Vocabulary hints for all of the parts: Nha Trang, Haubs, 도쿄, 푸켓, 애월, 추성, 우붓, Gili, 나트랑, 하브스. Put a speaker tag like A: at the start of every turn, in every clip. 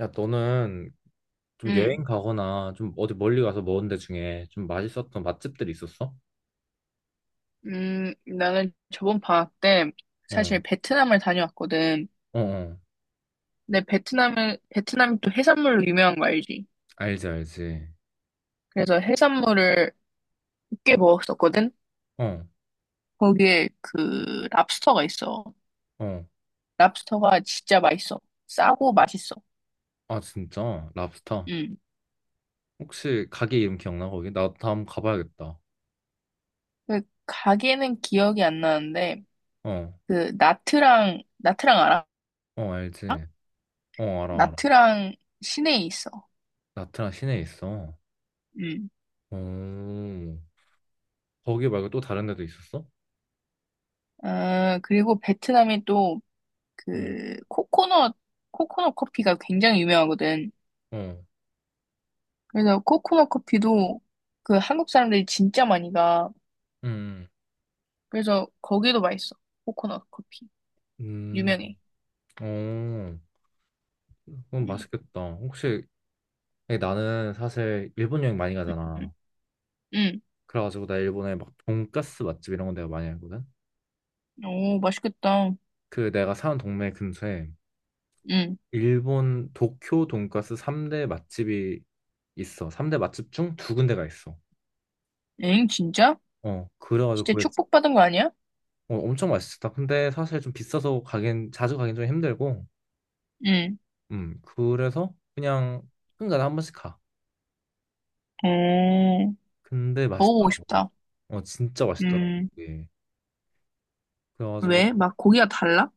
A: 야, 너는 좀
B: 음,
A: 여행 가거나 좀 어디 멀리 가서 먹은 데 중에 좀 맛있었던 맛집들 있었어?
B: 나는 저번 방학 때
A: 어,
B: 사실 베트남을 다녀왔거든.
A: 어, 어.
B: 근데 베트남이 또 해산물로 유명한 거 알지?
A: 알지, 알지.
B: 그래서 해산물을 꽤 먹었었거든?
A: 어,
B: 거기에 그 랍스터가 있어.
A: 어.
B: 랍스터가 진짜 맛있어. 싸고 맛있어.
A: 아, 진짜? 랍스터?
B: 음.
A: 혹시 가게 이름 기억나, 거기? 나 다음 가봐야겠다.
B: 그 가게는 기억이 안 나는데,
A: 어,
B: 그 나트랑 알아?
A: 어, 알지. 어, 알아, 알아.
B: 나트랑 시내에 있어.
A: 나트랑 시내에 있어.
B: 음.
A: 오, 거기 말고 또 다른 데도 있었어?
B: 아, 그리고 베트남이 또
A: 어,
B: 그 코코넛 커피가 굉장히 유명하거든.
A: 어,
B: 그래서 코코넛 커피도 그 한국 사람들이 진짜 많이 가.
A: 음,
B: 그래서 거기도 맛있어. 코코넛 커피
A: 음,
B: 유명해.
A: 어. 그건
B: 응,
A: 맛있겠다. 혹시, 아니, 나는 사실 일본 여행 많이
B: 응,
A: 가잖아.
B: 응.
A: 그래가지고 나 일본에 막 돈가스 맛집 이런 건 내가 많이 알거든.
B: 오, 맛있겠다.
A: 그 내가 사는 동네 근처에
B: 응.
A: 일본 도쿄 돈가스 3대 맛집이 있어. 3대 맛집 중 두 군데가 있어.
B: 엥, 진짜?
A: 어, 그래가지고
B: 진짜
A: 거기
B: 축복받은 거 아니야?
A: 어, 엄청 맛있었다. 근데 사실 좀 비싸서 가긴 자주 가긴 좀 힘들고,
B: 응.
A: 그래서 그냥 한간에 한 번씩 가.
B: 오,
A: 근데
B: 먹어보고
A: 맛있더라고.
B: 싶다.
A: 어, 진짜 맛있더라고.
B: 음,
A: 예. 그래가지고
B: 왜? 막 고기가 달라?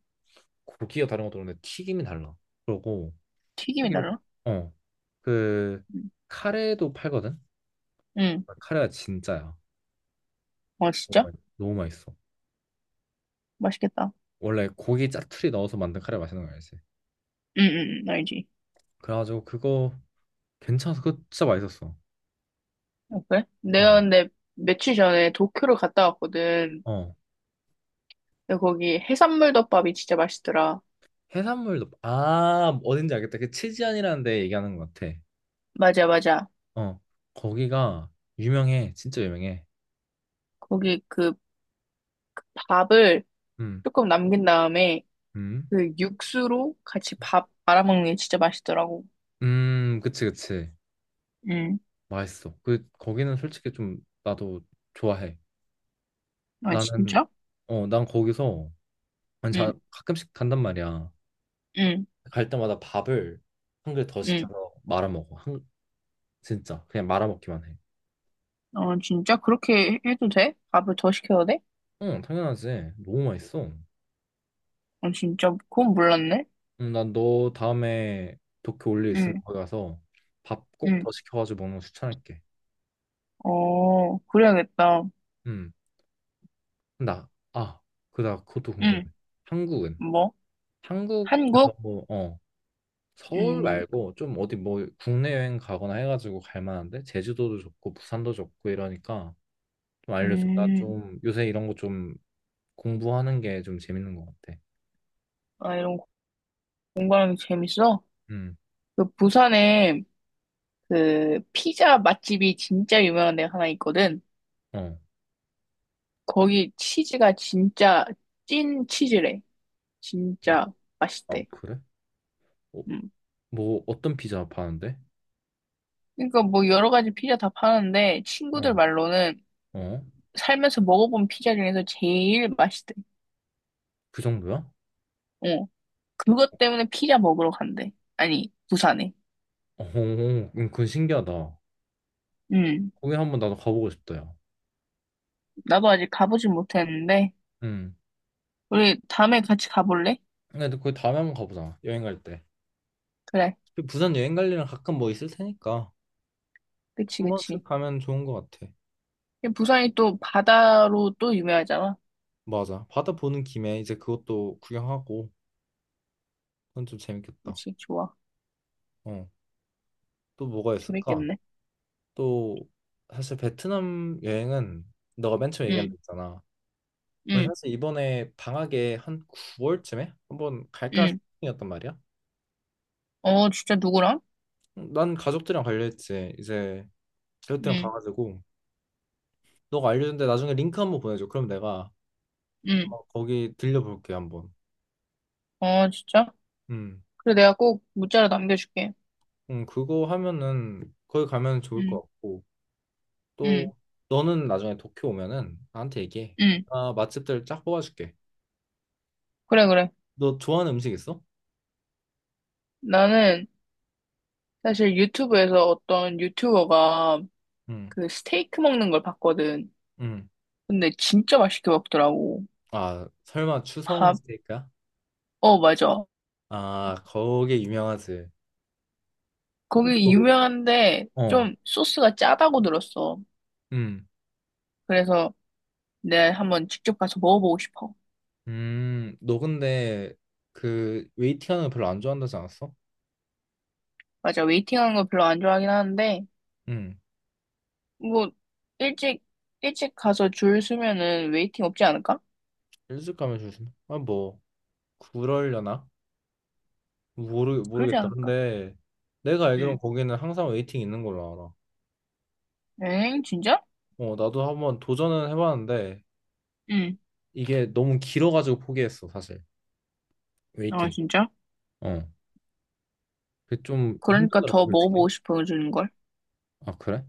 A: 고기가 다른 것도 그런데 튀김이 달라. 그러고
B: 튀김이
A: 튀김.
B: 달라?
A: 어. 그
B: 응.
A: 카레도 팔거든.
B: 응.
A: 카레가 진짜야.
B: 어, 진짜?
A: 너무 맛있어.
B: 맛있겠다.
A: 원래 고기 짜투리 넣어서 만든 카레 맛있는 거 알지?
B: 응, 응, 응, 알지.
A: 그래가지고 그거 괜찮아서 그거 진짜 맛있었어.
B: 아, 그래?
A: 어,
B: 내가 근데 며칠 전에 도쿄를 갔다 왔거든.
A: 어.
B: 근데 거기 해산물 덮밥이 진짜 맛있더라.
A: 해산물도 아 어딘지 알겠다. 그 치즈안이라는 데 얘기하는 것 같아.
B: 맞아, 맞아.
A: 어, 거기가 유명해. 진짜 유명해.
B: 거기 그 밥을
A: 음,
B: 조금 남긴 다음에
A: 음,
B: 그 육수로 같이 밥 말아먹는 게 진짜 맛있더라고.
A: 그치, 그치.
B: 응.
A: 맛있어. 그 거기는 솔직히 좀 나도 좋아해.
B: 아,
A: 나는
B: 진짜?
A: 어, 난 거기서 아니, 자,
B: 응,
A: 가끔씩 간단 말이야.
B: 응,
A: 갈 때마다 밥을 한 그릇 더
B: 응.
A: 시켜서 말아먹어. 한, 진짜 그냥 말아먹기만 해.
B: 어, 진짜? 그렇게 해도 돼? 밥을 더 시켜도 돼?
A: 응, 당연하지. 너무 맛있어.
B: 어, 진짜? 그건 몰랐네.
A: 응, 난너 다음에 도쿄 올일 있으면
B: 응,
A: 거기 가서 밥 꼭
B: 응.
A: 더 시켜가지고 먹는 거 추천할게.
B: 어, 그래야겠다.
A: 응, 나, 아, 그, 나 그것도 궁금해.
B: 응.
A: 한국은?
B: 뭐?
A: 한국에서
B: 한국?
A: 뭐, 어, 서울
B: 음,
A: 말고 좀 어디 뭐 국내 여행 가거나 해가지고 갈 만한데? 제주도도 좋고 부산도 좋고 이러니까 좀 알려줘. 나
B: 음.
A: 좀 요새 이런 거좀 공부하는 게 좀 재밌는 것 같아.
B: 아, 이런 공부하는 게 재밌어?
A: 음,
B: 그 부산에 그 피자 맛집이 진짜 유명한 데가 하나 있거든.
A: 어.
B: 거기 치즈가 진짜 찐 치즈래.
A: 음,
B: 진짜
A: 아,
B: 맛있대.
A: 그래? 어,
B: 음.
A: 뭐, 어떤 피자 파는데?
B: 그러니까 뭐 여러 가지 피자 다 파는데 친구들
A: 어,
B: 말로는
A: 어?
B: 살면서 먹어본 피자 중에서 제일 맛있대.
A: 그 정도야?
B: 어. 그것 때문에 피자 먹으러 간대. 아니, 부산에.
A: 어, 그건 신기하다.
B: 음.
A: 거기 한번 나도 가보고 싶다, 야.
B: 나도 아직 가보진 못했는데
A: 음.
B: 우리 다음에 같이 가볼래?
A: 근데 거기 다음에 한번 가보자. 여행 갈 때.
B: 그래.
A: 그 부산 여행 갈 일은 가끔 뭐 있을 테니까.
B: 그치,
A: 한 번씩
B: 그치.
A: 가면 좋은 것 같아.
B: 부산이 또 바다로 또 유명하잖아.
A: 맞아. 바다 보는 김에 이제 그것도 구경하고. 그건 좀 재밌겠다.
B: 그치, 좋아.
A: 어. 또 뭐가 있을까?
B: 재밌겠네.
A: 또, 사실 베트남 여행은 너가 맨 처음 얘기한 데
B: 응,
A: 있잖아. 거의
B: 응,
A: 사실 이번에 방학에 한 9월쯤에 한번 갈까 생각
B: 응.
A: 중이었단 말이야.
B: 어, 진짜 누구랑?
A: 난 가족들이랑 갈려 했지. 이제 가족들이랑
B: 응,
A: 가가지고 너가 알려준 데 나중에 링크 한번 보내줘. 그럼 내가
B: 응.
A: 아마 거기 들려볼게 한번.
B: 어, 진짜?
A: 음,
B: 그래, 내가 꼭 문자로 남겨줄게.
A: 그거 하면은 거기 가면 좋을 것
B: 응,
A: 같고
B: 응,
A: 또 너는 나중에 도쿄 오면은 나한테 얘기해.
B: 응.
A: 나 맛집들 쫙 뽑아줄게.
B: 그래, 그래.
A: 너 좋아하는 음식 있어?
B: 나는 사실 유튜브에서 어떤 유튜버가
A: 응,
B: 그 스테이크 먹는 걸 봤거든.
A: 응.
B: 근데 진짜 맛있게 먹더라고.
A: 아 설마 추성
B: 밥,
A: 스테이크야?
B: 어, 맞아.
A: 아 거기 유명하지. 근데 너
B: 거기
A: 왜-
B: 유명한데
A: 어.
B: 좀 소스가 짜다고 들었어.
A: 음,
B: 그래서 내가 한번 직접 가서 먹어보고 싶어.
A: 너 근데 그 웨이팅하는 거 별로 안 좋아한다지 않았어?
B: 맞아. 웨이팅하는 거 별로 안 좋아하긴 하는데,
A: 음,
B: 뭐, 일찍, 일찍 가서 줄 서면은 웨이팅 없지 않을까?
A: 일찍 가면 조심. 아, 뭐 그럴려나?
B: 그러지
A: 모르겠다.
B: 않을까?
A: 근데 내가 알기론
B: 응.
A: 거기는 항상 웨이팅 있는 걸로
B: 엥? 진짜?
A: 알아. 어, 나도 한번 도전은 해봤는데
B: 응.
A: 이게 너무 길어가지고 포기했어, 사실.
B: 아,
A: 웨이팅.
B: 진짜?
A: 어, 그게 좀
B: 그러니까
A: 힘들더라고,
B: 더
A: 솔직히.
B: 먹어보고 싶어, 주는 걸.
A: 아, 그래?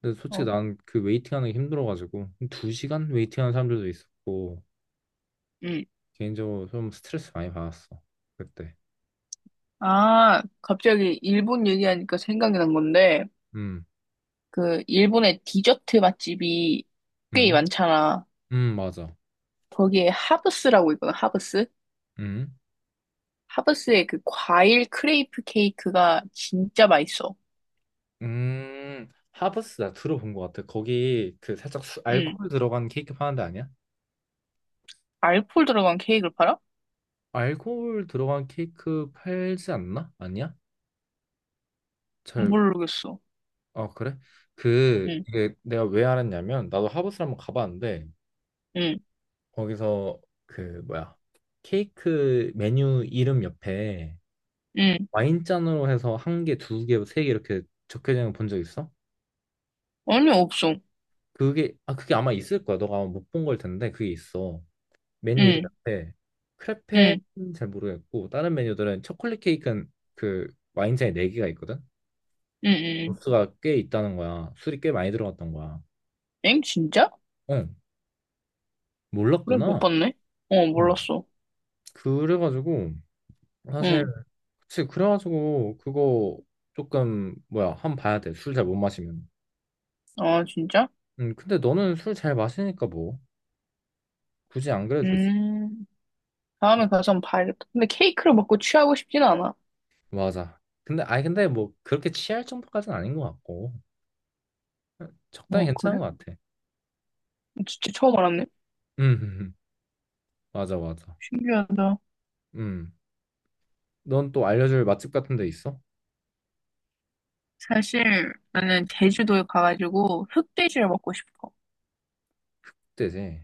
A: 근데 솔직히
B: 어.
A: 난 그 웨이팅하는 게 힘들어가지고 두 시간 웨이팅하는 사람들도 있었고
B: 응.
A: 개인적으로 좀 스트레스 많이 받았어 그때.
B: 아, 갑자기 일본 얘기하니까 생각이 난 건데,
A: 음.
B: 그, 일본의 디저트 맛집이 꽤
A: 음,
B: 많잖아.
A: 맞아.
B: 거기에 하브스라고 있거든, 하브스?
A: 음,
B: 하브스의 그 과일 크레이프 케이크가 진짜 맛있어.
A: 하브스 나 들어본 것 같아. 거기 그 살짝
B: 응.
A: 알코올 들어간 케이크 파는 데 아니야?
B: 알코올 들어간 케이크를 팔아?
A: 알코올 들어간 케이크 팔지 않나? 아니야? 잘,
B: 모르겠어.
A: 아, 그래? 그,
B: 응,
A: 이게 내가 왜 알았냐면, 나도 하브스 한번 가봤는데,
B: 응,
A: 거기서 그, 뭐야, 케이크 메뉴 이름 옆에
B: 응.
A: 와인잔으로 해서 한 개, 두 개, 세 개 이렇게 적혀있는 거 본 적 있어?
B: 아니, 없어.
A: 그게, 아, 그게 아마 있을 거야. 너가 아마 못 본 걸 텐데, 그게 있어. 메뉴
B: 응,
A: 이름인데 크레페는
B: 응,
A: 잘 모르겠고 다른 메뉴들은 초콜릿 케이크는 그 와인잔에 4개가 있거든?
B: 응, 응.
A: 도수가 꽤 있다는 거야. 술이 꽤 많이 들어갔던 거야.
B: 엥? 진짜?
A: 응, 어,
B: 그래, 못
A: 몰랐구나.
B: 봤네. 어,
A: 음.
B: 몰랐어.
A: 그래가지고 사실
B: 응.
A: 그치 그래가지고 그거 조금 뭐야 한번 봐야 돼. 술 잘 못 마시면.
B: 아, 진짜?
A: 근데 너는 술 잘 마시니까 뭐 굳이 안 그래도 되지.
B: 음, 다음에 가서 한번 봐야겠다. 근데 케이크를 먹고 취하고 싶진 않아.
A: 맞아. 근데 아니 근데 뭐 그렇게 취할 정도까지는 아닌 것 같고 응, 적당히
B: 어,
A: 괜찮은
B: 그래?
A: 것 같아.
B: 진짜 처음 알았네.
A: 음, 맞아 맞아.
B: 신기하다.
A: 음. 넌 또 알려줄 맛집 같은 데 있어?
B: 사실, 나는 제주도에 가가지고 흑돼지를 먹고 싶어.
A: 흑돼지.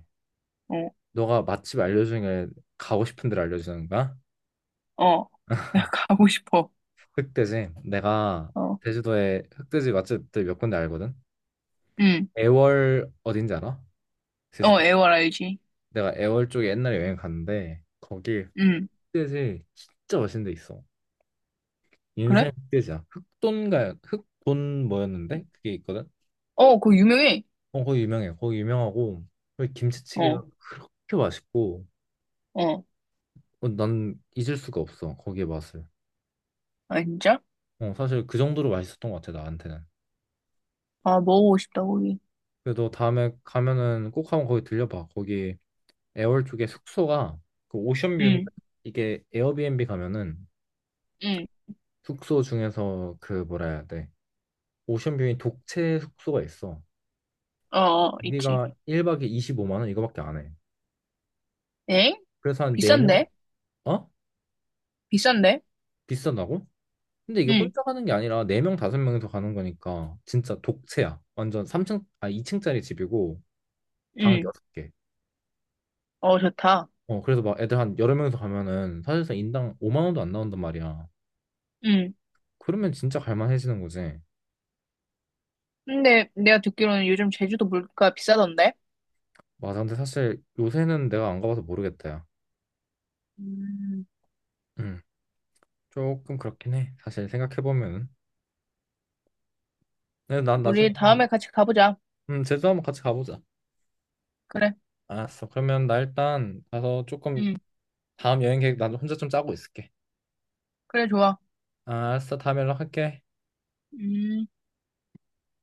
B: 어,
A: 너가 맛집 알려주는 게 가고 싶은 데를 알려주는 거야?
B: 어. 내가 가고 싶어.
A: 흑돼지. 내가
B: 어,
A: 제주도에 흑돼지 맛집들 몇 군데 알거든.
B: 응.
A: 애월 어딘지 알아?
B: 어,
A: 제주도.
B: 애월 알지?
A: 내가 애월 쪽에 옛날에 여행 갔는데 거기
B: 응.
A: 흑돼지 진짜 맛있는 데 있어.
B: 그래?
A: 인생 흑돼지야. 흑돈가 흑돈 뭐였는데 그게 있거든.
B: 어, 그거 유명해.
A: 어 거기 유명해. 거기 유명하고 거기 김치찌개가
B: 어.
A: 그렇게 맛있고
B: 어.
A: 어, 난 잊을 수가 없어 거기의 맛을.
B: 아, 진짜?
A: 어, 사실 그 정도로 맛있었던 것 같아, 나한테는.
B: 아, 먹어보고 싶다, 고기.
A: 그래도 다음에 가면은 꼭 한번 거기 들려봐. 거기 애월 쪽에 숙소가 그 오션뷰인데
B: 응,
A: 이게 에어비앤비 가면은
B: 응.
A: 숙소 중에서 그 뭐라 해야 돼? 오션뷰인 독채 숙소가 있어.
B: 어, 어, 있지.
A: 우리가 1박에 25만 원 이거밖에 안 해.
B: 엥?
A: 그래서 한 4명,
B: 비싼데?
A: 어?
B: 비싼데?
A: 비싸다고? 근데 이게
B: 응,
A: 혼자 가는 게 아니라 4명, 5명이서 가는 거니까 진짜 독채야. 완전 삼층아 2층짜리 집이고 방
B: 응.
A: 6개.
B: 어, 좋다.
A: 어, 그래서 막 애들 한 여러 명이서 가면은 사실상 인당 5만 원도 안 나온단 말이야.
B: 응.
A: 그러면 진짜 갈만해지는 거지.
B: 근데 내가 듣기로는 요즘 제주도 물가 비싸던데?
A: 맞아. 근데 사실 요새는 내가 안 가봐서 모르겠다. 야.
B: 음,
A: 음, 조금 그렇긴 해. 사실 생각해보면은. 근데 난 나중에,
B: 우리 다음에 같이 가보자.
A: 제주도 한번 같이 가보자.
B: 그래.
A: 알았어. 그러면 나 일단 가서 조금
B: 응,
A: 다음 여행 계획 나 혼자 좀 짜고 있을게.
B: 그래, 좋아.
A: 아, 알았어. 다음에 연락할게.
B: 음.